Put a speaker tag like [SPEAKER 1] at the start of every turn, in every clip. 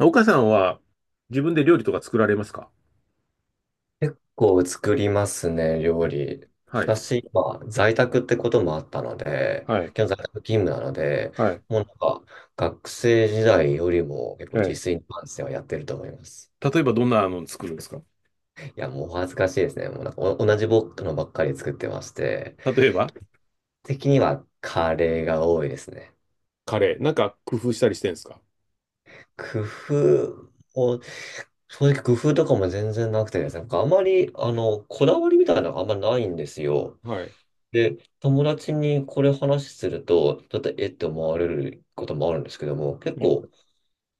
[SPEAKER 1] 岡さんは自分で料理とか作られますか？
[SPEAKER 2] 構作りますね、料
[SPEAKER 1] はい。
[SPEAKER 2] 理。
[SPEAKER 1] はい。
[SPEAKER 2] 私、今在宅ってこともあったので、
[SPEAKER 1] はい。
[SPEAKER 2] 今日在宅勤務なので、
[SPEAKER 1] はい。
[SPEAKER 2] もうなんか、学生時代よりも結構
[SPEAKER 1] は
[SPEAKER 2] 自
[SPEAKER 1] い。
[SPEAKER 2] 炊に関してはやってると思います。
[SPEAKER 1] 例えばどんなの作るんですか？
[SPEAKER 2] いや、もうお恥ずかしいですね。もうなんかお同じ僕のばっかり作ってまして、
[SPEAKER 1] 例えば
[SPEAKER 2] 的にはカレーが多いですね。
[SPEAKER 1] カレー。なんか工夫したりしてるんですか？
[SPEAKER 2] 工夫を、正直工夫とかも全然なくてですね、なんかあまり、こだわりみたいなのがあんまないんですよ。
[SPEAKER 1] はい。
[SPEAKER 2] で、友達にこれ話すると、ちょっとえって思われることもあるんですけども、結
[SPEAKER 1] ね。
[SPEAKER 2] 構、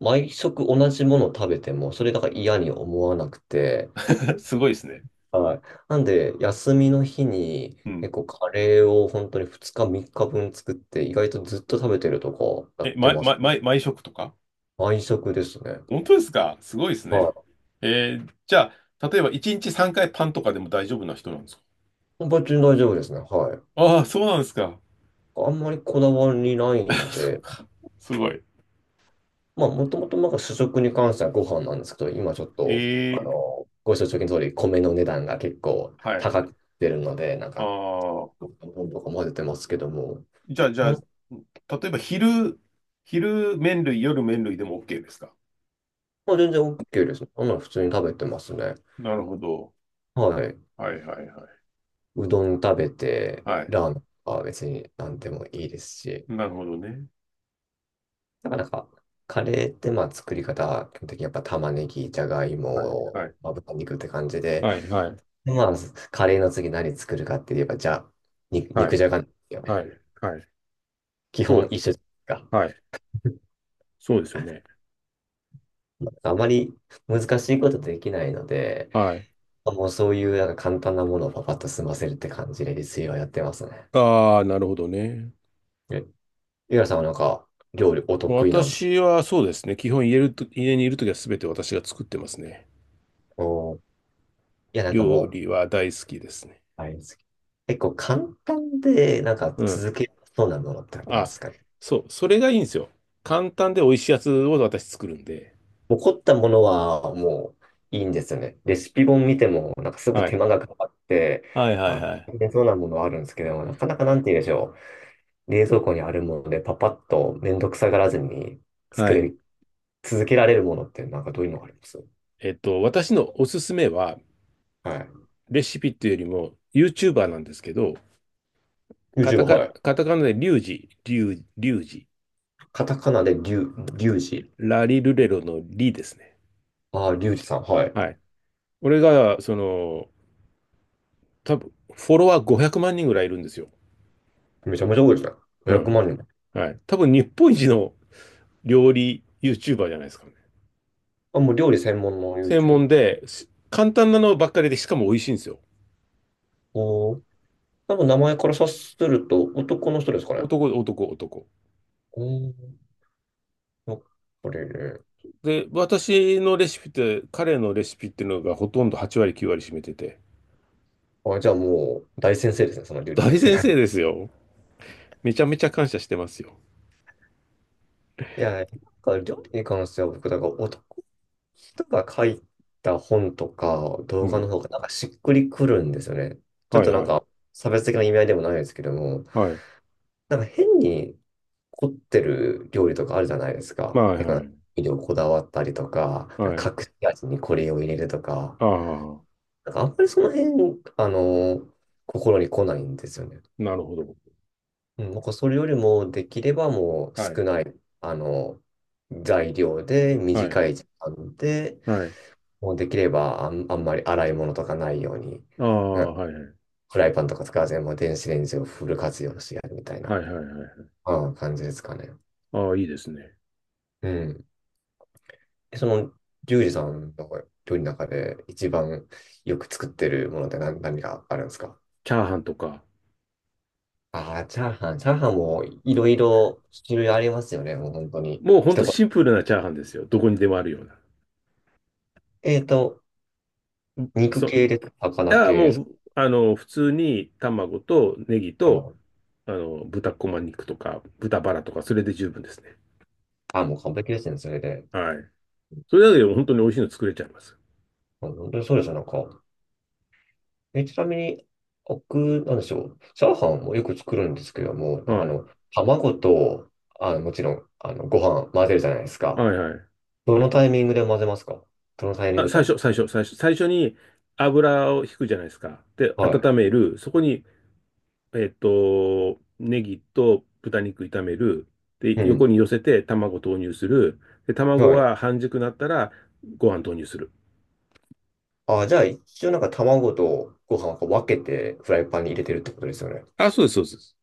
[SPEAKER 2] 毎食同じものを食べても、それだから嫌に思わなくて、
[SPEAKER 1] すごいですね。
[SPEAKER 2] はい。なんで、休みの日に、
[SPEAKER 1] うん。
[SPEAKER 2] 結構カレーを本当に2日3日分作って、意外とずっと食べてるとかや
[SPEAKER 1] え、
[SPEAKER 2] って
[SPEAKER 1] ま、
[SPEAKER 2] ま
[SPEAKER 1] ま、
[SPEAKER 2] すね。
[SPEAKER 1] ま、毎食とか。
[SPEAKER 2] 毎食ですね。
[SPEAKER 1] 本当ですか？すごいですね。
[SPEAKER 2] は
[SPEAKER 1] じゃあ、例えば1日3回パンとかでも大丈夫な人なんですか？
[SPEAKER 2] い。別に大丈夫ですね。はい。
[SPEAKER 1] ああー、そうなんですか。
[SPEAKER 2] あんまりこだわりな いの
[SPEAKER 1] そっ
[SPEAKER 2] で、
[SPEAKER 1] か。すごい。
[SPEAKER 2] まあ、もともとなんか主食に関してはご飯なんですけど、今ちょっと、
[SPEAKER 1] えー
[SPEAKER 2] ご承知の通り、米の値段が結構
[SPEAKER 1] はい。
[SPEAKER 2] 高くてるので、なん
[SPEAKER 1] あ
[SPEAKER 2] か、
[SPEAKER 1] あ。
[SPEAKER 2] どんとか混ぜてますけども、
[SPEAKER 1] じゃあ、じゃ
[SPEAKER 2] まあ、
[SPEAKER 1] あ、例えば昼麺類、夜麺類でも OK ですか？
[SPEAKER 2] まあ全然 OK です。あんなの普通に食べてますね。
[SPEAKER 1] なるほど。
[SPEAKER 2] はい。
[SPEAKER 1] はいはいはい。
[SPEAKER 2] うどん食べて、
[SPEAKER 1] はい。
[SPEAKER 2] ラーメンは別に何でもいいですし、
[SPEAKER 1] なるほどね。
[SPEAKER 2] なからなんか、カレーってまあ作り方、基本的にやっぱ玉ねぎ、じゃがい
[SPEAKER 1] はい
[SPEAKER 2] も、
[SPEAKER 1] はい。
[SPEAKER 2] まあ、豚肉って感じで、
[SPEAKER 1] はい、はい、
[SPEAKER 2] でまあ、カレーの次何作るかって言えば、じゃ、
[SPEAKER 1] は
[SPEAKER 2] 肉
[SPEAKER 1] い、
[SPEAKER 2] じゃがなんですよ
[SPEAKER 1] は
[SPEAKER 2] ね。
[SPEAKER 1] い、はい。
[SPEAKER 2] 基
[SPEAKER 1] そう
[SPEAKER 2] 本
[SPEAKER 1] で
[SPEAKER 2] 一
[SPEAKER 1] す。
[SPEAKER 2] 緒じゃないですか。
[SPEAKER 1] はい。そうですよね。
[SPEAKER 2] あまり難しいことできないので、
[SPEAKER 1] はい。
[SPEAKER 2] もうそういうなんか簡単なものをパパッと済ませるって感じで自炊はやってますね。
[SPEAKER 1] ああ、なるほどね。
[SPEAKER 2] え、ゆらさんはなんか料理お
[SPEAKER 1] もう
[SPEAKER 2] 得意なんだ。
[SPEAKER 1] 私はそうですね。基本家ると、家にいるときはすべて私が作ってますね。
[SPEAKER 2] おー、いや、なんか
[SPEAKER 1] 料
[SPEAKER 2] もう、
[SPEAKER 1] 理は大好きですね。
[SPEAKER 2] あれです、結構簡単でなんか
[SPEAKER 1] うん。
[SPEAKER 2] 続けそうなものってありま
[SPEAKER 1] あ、
[SPEAKER 2] すかね？
[SPEAKER 1] そう。それがいいんですよ。簡単で美味しいやつを私作るんで。
[SPEAKER 2] もう凝ったものはもういいんですよね。レシピ本見てもなんかすぐ
[SPEAKER 1] は
[SPEAKER 2] 手
[SPEAKER 1] い。
[SPEAKER 2] 間がかかって、
[SPEAKER 1] はいはい
[SPEAKER 2] あ、
[SPEAKER 1] はい。
[SPEAKER 2] 大変そうなものはあるんですけども、なかなかなんて言うんでしょう。冷蔵庫にあるものでパパッとめんどくさがらずに作
[SPEAKER 1] はい。
[SPEAKER 2] れ、続けられるものってなんかどういうのがあります？
[SPEAKER 1] 私のおすすめは、
[SPEAKER 2] はい。
[SPEAKER 1] レシピっていうよりも、YouTuber なんですけど、
[SPEAKER 2] リュウ
[SPEAKER 1] カ
[SPEAKER 2] ジ
[SPEAKER 1] タ
[SPEAKER 2] は、
[SPEAKER 1] カ、
[SPEAKER 2] はい。
[SPEAKER 1] カタカナでリュウジ、
[SPEAKER 2] カタカナでリュウジ。
[SPEAKER 1] ラリルレロのリですね。
[SPEAKER 2] ああ、リュウジさん、はい。
[SPEAKER 1] はい。俺が、多分フォロワー500万人ぐらいいるんですよ。
[SPEAKER 2] めちゃめちゃ多いですね。
[SPEAKER 1] う
[SPEAKER 2] 500
[SPEAKER 1] ん。
[SPEAKER 2] 万人も。
[SPEAKER 1] はい。多分日本一の料理 YouTuber じゃないですかね。
[SPEAKER 2] あ、もう料理専門の
[SPEAKER 1] 専門
[SPEAKER 2] YouTube。
[SPEAKER 1] で、す。簡単なのばっかりで、しかも美味しいんですよ。
[SPEAKER 2] おー。多分名前から察すると男の人ですかね。
[SPEAKER 1] 男、男、男。
[SPEAKER 2] おー。やっぱりね。
[SPEAKER 1] で、私のレシピって、彼のレシピっていうのがほとんど8割、9割占めてて、
[SPEAKER 2] あ、じゃあもう大先生ですね、その料理
[SPEAKER 1] 大
[SPEAKER 2] 先生
[SPEAKER 1] 先
[SPEAKER 2] が。
[SPEAKER 1] 生 ですよ。めちゃめちゃ感謝してますよ。
[SPEAKER 2] いや、なんか料理に関しては僕、だから男人が書いた本とか
[SPEAKER 1] う
[SPEAKER 2] 動画の
[SPEAKER 1] ん。
[SPEAKER 2] 方がなんかしっくりくるんですよね。ちょっ
[SPEAKER 1] はい
[SPEAKER 2] となん
[SPEAKER 1] はい。
[SPEAKER 2] か差別的な意味合いでもないですけども、
[SPEAKER 1] はい。
[SPEAKER 2] なんか変に凝ってる料理とかあるじゃないです
[SPEAKER 1] ま
[SPEAKER 2] か。
[SPEAKER 1] あ、はい
[SPEAKER 2] て
[SPEAKER 1] は
[SPEAKER 2] か、
[SPEAKER 1] い。
[SPEAKER 2] 味料こだわったりとか、な
[SPEAKER 1] は
[SPEAKER 2] んか
[SPEAKER 1] い。
[SPEAKER 2] 隠し味にこれを入れるとか、
[SPEAKER 1] ああ、
[SPEAKER 2] なんかあんまりその辺、心に来ないんですよね。
[SPEAKER 1] なるほど。
[SPEAKER 2] うん、なんかそれよりもできればもう
[SPEAKER 1] は
[SPEAKER 2] 少
[SPEAKER 1] い。
[SPEAKER 2] ない、あの、材料で
[SPEAKER 1] はい。
[SPEAKER 2] 短い時間で、
[SPEAKER 1] はい。
[SPEAKER 2] もうできればあんまり洗い物とかないように、
[SPEAKER 1] あ
[SPEAKER 2] う
[SPEAKER 1] あ、
[SPEAKER 2] ん、
[SPEAKER 1] はいはい。
[SPEAKER 2] フライパンとか使わずにもう電子レンジをフル活用してやるみたい
[SPEAKER 1] はい
[SPEAKER 2] な、
[SPEAKER 1] はいはいはい。
[SPEAKER 2] うん、感じですかね。
[SPEAKER 1] ああ、いいですね。
[SPEAKER 2] うん。えその、リュウジさんの料理の中で一番よく作ってるものって何があるんですか？
[SPEAKER 1] チャーハンとか。
[SPEAKER 2] ああー、チャーハン。チャーハンもいろいろ種類ありますよね。もう本当に。
[SPEAKER 1] もうほんと
[SPEAKER 2] 一言。
[SPEAKER 1] シンプルなチャーハンですよ。どこにでもあるような。
[SPEAKER 2] えっと、肉
[SPEAKER 1] そう。
[SPEAKER 2] 系です。
[SPEAKER 1] い
[SPEAKER 2] 魚
[SPEAKER 1] や、
[SPEAKER 2] 系
[SPEAKER 1] も
[SPEAKER 2] です。
[SPEAKER 1] う、普通に卵とネギ
[SPEAKER 2] あ
[SPEAKER 1] と、
[SPEAKER 2] もう、
[SPEAKER 1] 豚こま肉とか、豚バラとか、それで十分ですね。
[SPEAKER 2] あ、もう完璧ですね。それで。
[SPEAKER 1] はい。
[SPEAKER 2] うん、
[SPEAKER 1] それだけでも本当に美味しいの作れちゃいます。
[SPEAKER 2] 本当にそうですよ。なんか、え、ちなみに、僕、なんでしょう。チャーハンもよく作るんですけども、
[SPEAKER 1] はい。
[SPEAKER 2] 卵と、もちろん、ご飯混ぜるじゃないです
[SPEAKER 1] は
[SPEAKER 2] か。
[SPEAKER 1] いはい。
[SPEAKER 2] どのタイミングで混ぜますか？どのタイミン
[SPEAKER 1] あ、
[SPEAKER 2] グで、
[SPEAKER 1] 最初に油を引くじゃないですか。で、
[SPEAKER 2] は
[SPEAKER 1] 温める。そこに、ネギと豚肉炒める。で、
[SPEAKER 2] い。う
[SPEAKER 1] 横
[SPEAKER 2] ん。
[SPEAKER 1] に寄せて卵投入する。で、卵
[SPEAKER 2] はい。
[SPEAKER 1] が半熟なったらご飯投入する。
[SPEAKER 2] あ、じゃあ、一応なんか卵とご飯をこう分けてフライパンに入れてるってことですよね。
[SPEAKER 1] あ、そうです、そうです。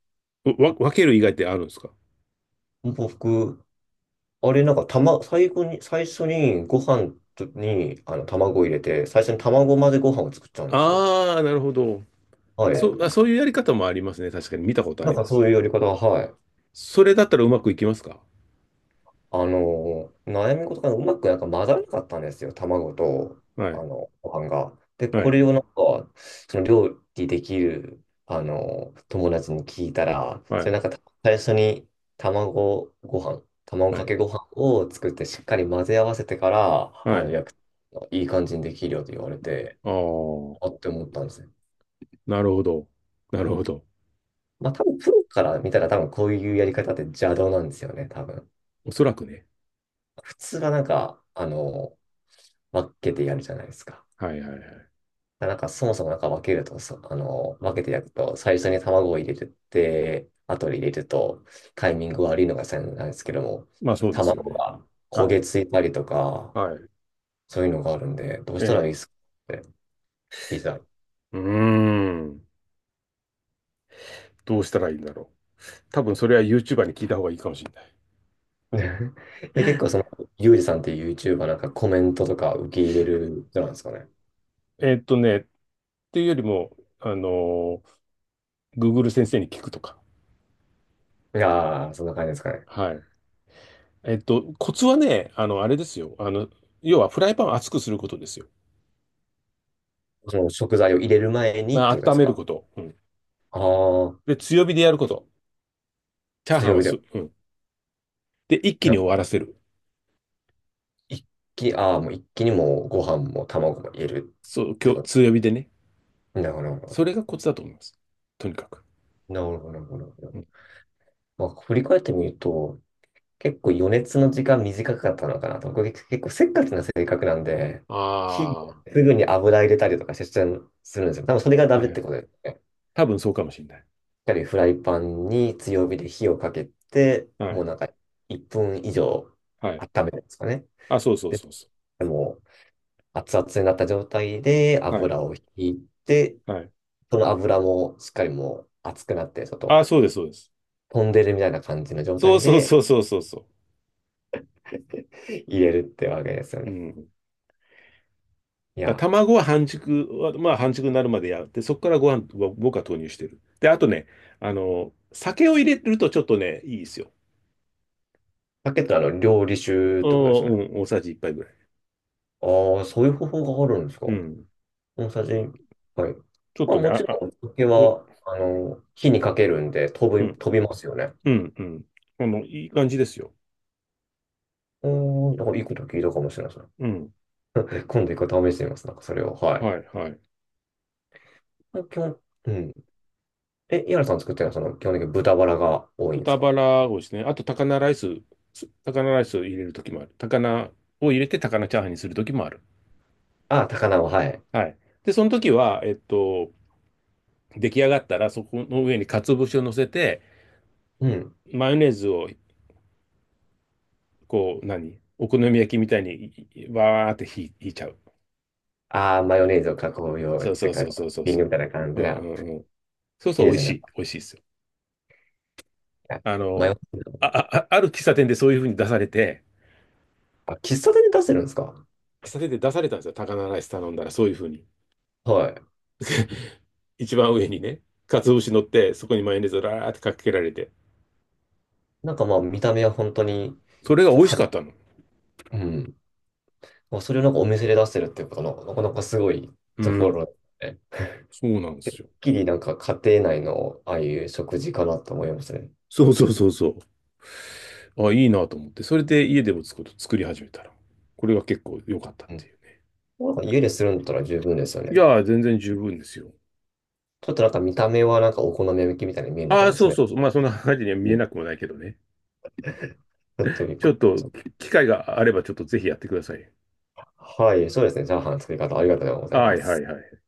[SPEAKER 1] 分ける以外ってあるんですか？
[SPEAKER 2] 僕、あれなんか、最初にご飯とに、卵を入れて、最初に卵混ぜご飯を作っちゃうんですよ。
[SPEAKER 1] ああー、なるほど。
[SPEAKER 2] は
[SPEAKER 1] そ
[SPEAKER 2] い。
[SPEAKER 1] う。あ、そういうやり方もありますね。確かに見たことあ
[SPEAKER 2] なん
[SPEAKER 1] り
[SPEAKER 2] か
[SPEAKER 1] ま
[SPEAKER 2] そ
[SPEAKER 1] す。
[SPEAKER 2] ういうやり方は、はい。
[SPEAKER 1] それだったらうまくいきますか？
[SPEAKER 2] 悩み事がうまくなんか混ざらなかったんですよ、卵と、
[SPEAKER 1] はい、
[SPEAKER 2] ご飯が。で、
[SPEAKER 1] は
[SPEAKER 2] こ
[SPEAKER 1] い、
[SPEAKER 2] れをなんか、その料理できる、友達に聞いたら、
[SPEAKER 1] は
[SPEAKER 2] そ
[SPEAKER 1] い、
[SPEAKER 2] れなんか最初に卵
[SPEAKER 1] は
[SPEAKER 2] か
[SPEAKER 1] い、
[SPEAKER 2] けご飯を作ってしっかり混ぜ合わせてから、
[SPEAKER 1] はい。
[SPEAKER 2] 焼く、いい感じにできるよと言われて、
[SPEAKER 1] ああ、
[SPEAKER 2] あって思ったんですね。
[SPEAKER 1] なるほど。なるほど。
[SPEAKER 2] まあ多分プロから見たら多分こういうやり方って邪道なんですよね、多分。
[SPEAKER 1] おそらくね。
[SPEAKER 2] 普通はなんか、分けてやるじゃないですか。
[SPEAKER 1] はいはいはい。
[SPEAKER 2] なんかそもそもなんか分けると、そあの、分けて焼くと、最初に卵を入れて、後で入れると、タイミング悪いのが先なんですけども、
[SPEAKER 1] まあそうですよ
[SPEAKER 2] 卵
[SPEAKER 1] ね。
[SPEAKER 2] が焦
[SPEAKER 1] は
[SPEAKER 2] げ
[SPEAKER 1] い。
[SPEAKER 2] ついたりとか、
[SPEAKER 1] はい。
[SPEAKER 2] そういうのがあるんで、どう
[SPEAKER 1] え
[SPEAKER 2] したらい
[SPEAKER 1] え。
[SPEAKER 2] いですかって聞いた。
[SPEAKER 1] うーん。どうしたらいいんだろう。多分それは YouTuber に聞いた方がいいかもしれない。
[SPEAKER 2] え、結構その、ユージさんっていう YouTuber なんかコメントとか受け入れる人なんですかね。
[SPEAKER 1] っていうよりも、Google 先生に聞くとか。
[SPEAKER 2] いやー、そんな感じですかね。
[SPEAKER 1] はい。コツはね、あれですよ。要はフライパンを熱くすることですよ。
[SPEAKER 2] その食材を入れる前にっ
[SPEAKER 1] ま
[SPEAKER 2] て
[SPEAKER 1] あ、
[SPEAKER 2] ことで
[SPEAKER 1] 温
[SPEAKER 2] す
[SPEAKER 1] める
[SPEAKER 2] か。
[SPEAKER 1] こと。うん。
[SPEAKER 2] ああ、
[SPEAKER 1] で、強火でやること。チャーハン
[SPEAKER 2] 強
[SPEAKER 1] は
[SPEAKER 2] 火で。
[SPEAKER 1] す、うん。で、一気に終わらせる。
[SPEAKER 2] 一ああ、もう一気にもうご飯も卵も入れる
[SPEAKER 1] そう、
[SPEAKER 2] って
[SPEAKER 1] 今日、
[SPEAKER 2] こと。
[SPEAKER 1] 強火でね。
[SPEAKER 2] なるほど、なるほど。
[SPEAKER 1] それがコツだと思います。とにかく。
[SPEAKER 2] なるほ
[SPEAKER 1] う
[SPEAKER 2] ど、
[SPEAKER 1] ん、
[SPEAKER 2] まあ、振り返ってみると、結構余熱の時間短かったのかなと。僕結構せっかちな性格なんで、
[SPEAKER 1] あ
[SPEAKER 2] 火、
[SPEAKER 1] あ。は
[SPEAKER 2] すぐに油入れたりとかしちゃうするんですよ。多分それがダ
[SPEAKER 1] いは
[SPEAKER 2] メってこ
[SPEAKER 1] い。
[SPEAKER 2] とですね。しっ
[SPEAKER 1] 多分そうかもしれない。
[SPEAKER 2] かりフライパンに強火で火をかけて、
[SPEAKER 1] は
[SPEAKER 2] もう
[SPEAKER 1] い。
[SPEAKER 2] なんか1分以上
[SPEAKER 1] はい。
[SPEAKER 2] 温めるんですかね。
[SPEAKER 1] あ、そうそう
[SPEAKER 2] で、
[SPEAKER 1] そうそ
[SPEAKER 2] もう熱々になった状態で
[SPEAKER 1] う。はい。
[SPEAKER 2] 油を引いて、
[SPEAKER 1] はい。
[SPEAKER 2] その油もしっかりもう熱くなって、ちょっと
[SPEAKER 1] あ、そうです、そうです。
[SPEAKER 2] 飛んでるみたいな感じの状
[SPEAKER 1] そう
[SPEAKER 2] 態
[SPEAKER 1] そう
[SPEAKER 2] で
[SPEAKER 1] そうそうそうそ
[SPEAKER 2] 入れるってわけですよ
[SPEAKER 1] う。う
[SPEAKER 2] ね。
[SPEAKER 1] ん。
[SPEAKER 2] い
[SPEAKER 1] だか
[SPEAKER 2] や、
[SPEAKER 1] ら卵は半熟は、まあ半熟になるまでやって、そこからご飯は僕は投入してる。で、あとね、酒を入れるとちょっとね、いいですよ。
[SPEAKER 2] さけってあの、料理酒っ
[SPEAKER 1] うん、う
[SPEAKER 2] てことですよね。
[SPEAKER 1] ん、大さじ1杯ぐらい。
[SPEAKER 2] ああ、そういう方法があるんですか。
[SPEAKER 1] うん。
[SPEAKER 2] 大さじ、はい。
[SPEAKER 1] ちょっ
[SPEAKER 2] まあ
[SPEAKER 1] とね、
[SPEAKER 2] も
[SPEAKER 1] あ、
[SPEAKER 2] ちろ
[SPEAKER 1] あ、
[SPEAKER 2] ん、お酒
[SPEAKER 1] お、
[SPEAKER 2] は、火にかけるんで
[SPEAKER 1] うん、
[SPEAKER 2] 飛びますよね。
[SPEAKER 1] うん、うん。いい感じですよ。
[SPEAKER 2] うーん、なんかいいこと聞いたかもしれないですね。
[SPEAKER 1] うん。
[SPEAKER 2] 今度一回試してみます。なんかそれを。はい。
[SPEAKER 1] はい、はい。
[SPEAKER 2] まあ基本、うん。え、井原さん作ってるのは、その、基本的に豚バラが多いんです
[SPEAKER 1] 豚バ
[SPEAKER 2] か？
[SPEAKER 1] ラをですね、あと高菜ライス、高菜ライスを入れるときもある。高菜を入れて高菜チャーハンにするときもある。
[SPEAKER 2] ああ、高菜は、はい。
[SPEAKER 1] はい。で、その時は、出来上がったら、そこの上に鰹節を乗せて、
[SPEAKER 2] うん。
[SPEAKER 1] マヨネーズを、こう、何お好み焼きみたいに、わーってひひいちゃう。
[SPEAKER 2] ああ、マヨネーズを囲むようっ
[SPEAKER 1] そうそ
[SPEAKER 2] て
[SPEAKER 1] う
[SPEAKER 2] か、
[SPEAKER 1] そう
[SPEAKER 2] ト
[SPEAKER 1] そう
[SPEAKER 2] ッ
[SPEAKER 1] そう
[SPEAKER 2] ピン
[SPEAKER 1] そ
[SPEAKER 2] グみたいな感
[SPEAKER 1] う。う
[SPEAKER 2] じ
[SPEAKER 1] ん
[SPEAKER 2] が、
[SPEAKER 1] うんうん。そうそ
[SPEAKER 2] いい
[SPEAKER 1] う、美
[SPEAKER 2] で
[SPEAKER 1] 味
[SPEAKER 2] す
[SPEAKER 1] し
[SPEAKER 2] ね。
[SPEAKER 1] い。美味しいですよ。あ
[SPEAKER 2] マヨ
[SPEAKER 1] の、
[SPEAKER 2] ネーズ。
[SPEAKER 1] ある喫茶店でそういう風に出されて、
[SPEAKER 2] あ、喫茶店で出してるんですか？
[SPEAKER 1] 喫茶店で出されたんですよ。高菜ライス頼んだら、そういう風に。
[SPEAKER 2] はい。
[SPEAKER 1] 一番上にね、鰹節乗って、そこにマヨネーズをラーってかけられて。
[SPEAKER 2] なんかまあ、見た目は本当に、
[SPEAKER 1] それが美味しか
[SPEAKER 2] か、
[SPEAKER 1] ったの。
[SPEAKER 2] うん。まあそれをなんかお店で出してるっていうことの、なかなかすごい
[SPEAKER 1] う
[SPEAKER 2] とこ
[SPEAKER 1] ん。
[SPEAKER 2] ろで、
[SPEAKER 1] そうなんで
[SPEAKER 2] てっ
[SPEAKER 1] すよ。
[SPEAKER 2] きりなんか家庭内のああいう食事かなと思いますね。
[SPEAKER 1] そうそうそうそう。あ、いいなと思って、それで家でも作り始めたら、これが結構良かったっ
[SPEAKER 2] う
[SPEAKER 1] て
[SPEAKER 2] ん。
[SPEAKER 1] いうね。
[SPEAKER 2] なんか家でするんだったら十分ですよ
[SPEAKER 1] い
[SPEAKER 2] ね。
[SPEAKER 1] やー、全然十分ですよ。
[SPEAKER 2] ちょっとなんか見た目はなんかお好み焼きみたいに見えるのか
[SPEAKER 1] ああ、
[SPEAKER 2] も
[SPEAKER 1] そ
[SPEAKER 2] し
[SPEAKER 1] う
[SPEAKER 2] れな
[SPEAKER 1] そうそう。
[SPEAKER 2] い。
[SPEAKER 1] まあ、そんな感じには見
[SPEAKER 2] う
[SPEAKER 1] え
[SPEAKER 2] ん。
[SPEAKER 1] なくもないけどね。
[SPEAKER 2] ちょっとびっ
[SPEAKER 1] ち
[SPEAKER 2] く
[SPEAKER 1] ょ
[SPEAKER 2] り
[SPEAKER 1] っ
[SPEAKER 2] し
[SPEAKER 1] と、
[SPEAKER 2] まし
[SPEAKER 1] 機会があれば、ちょっとぜひやってください。
[SPEAKER 2] た。はい、そうですね。チャーハンの作り方ありがとうござい
[SPEAKER 1] は
[SPEAKER 2] ま
[SPEAKER 1] いはい
[SPEAKER 2] す。
[SPEAKER 1] はい。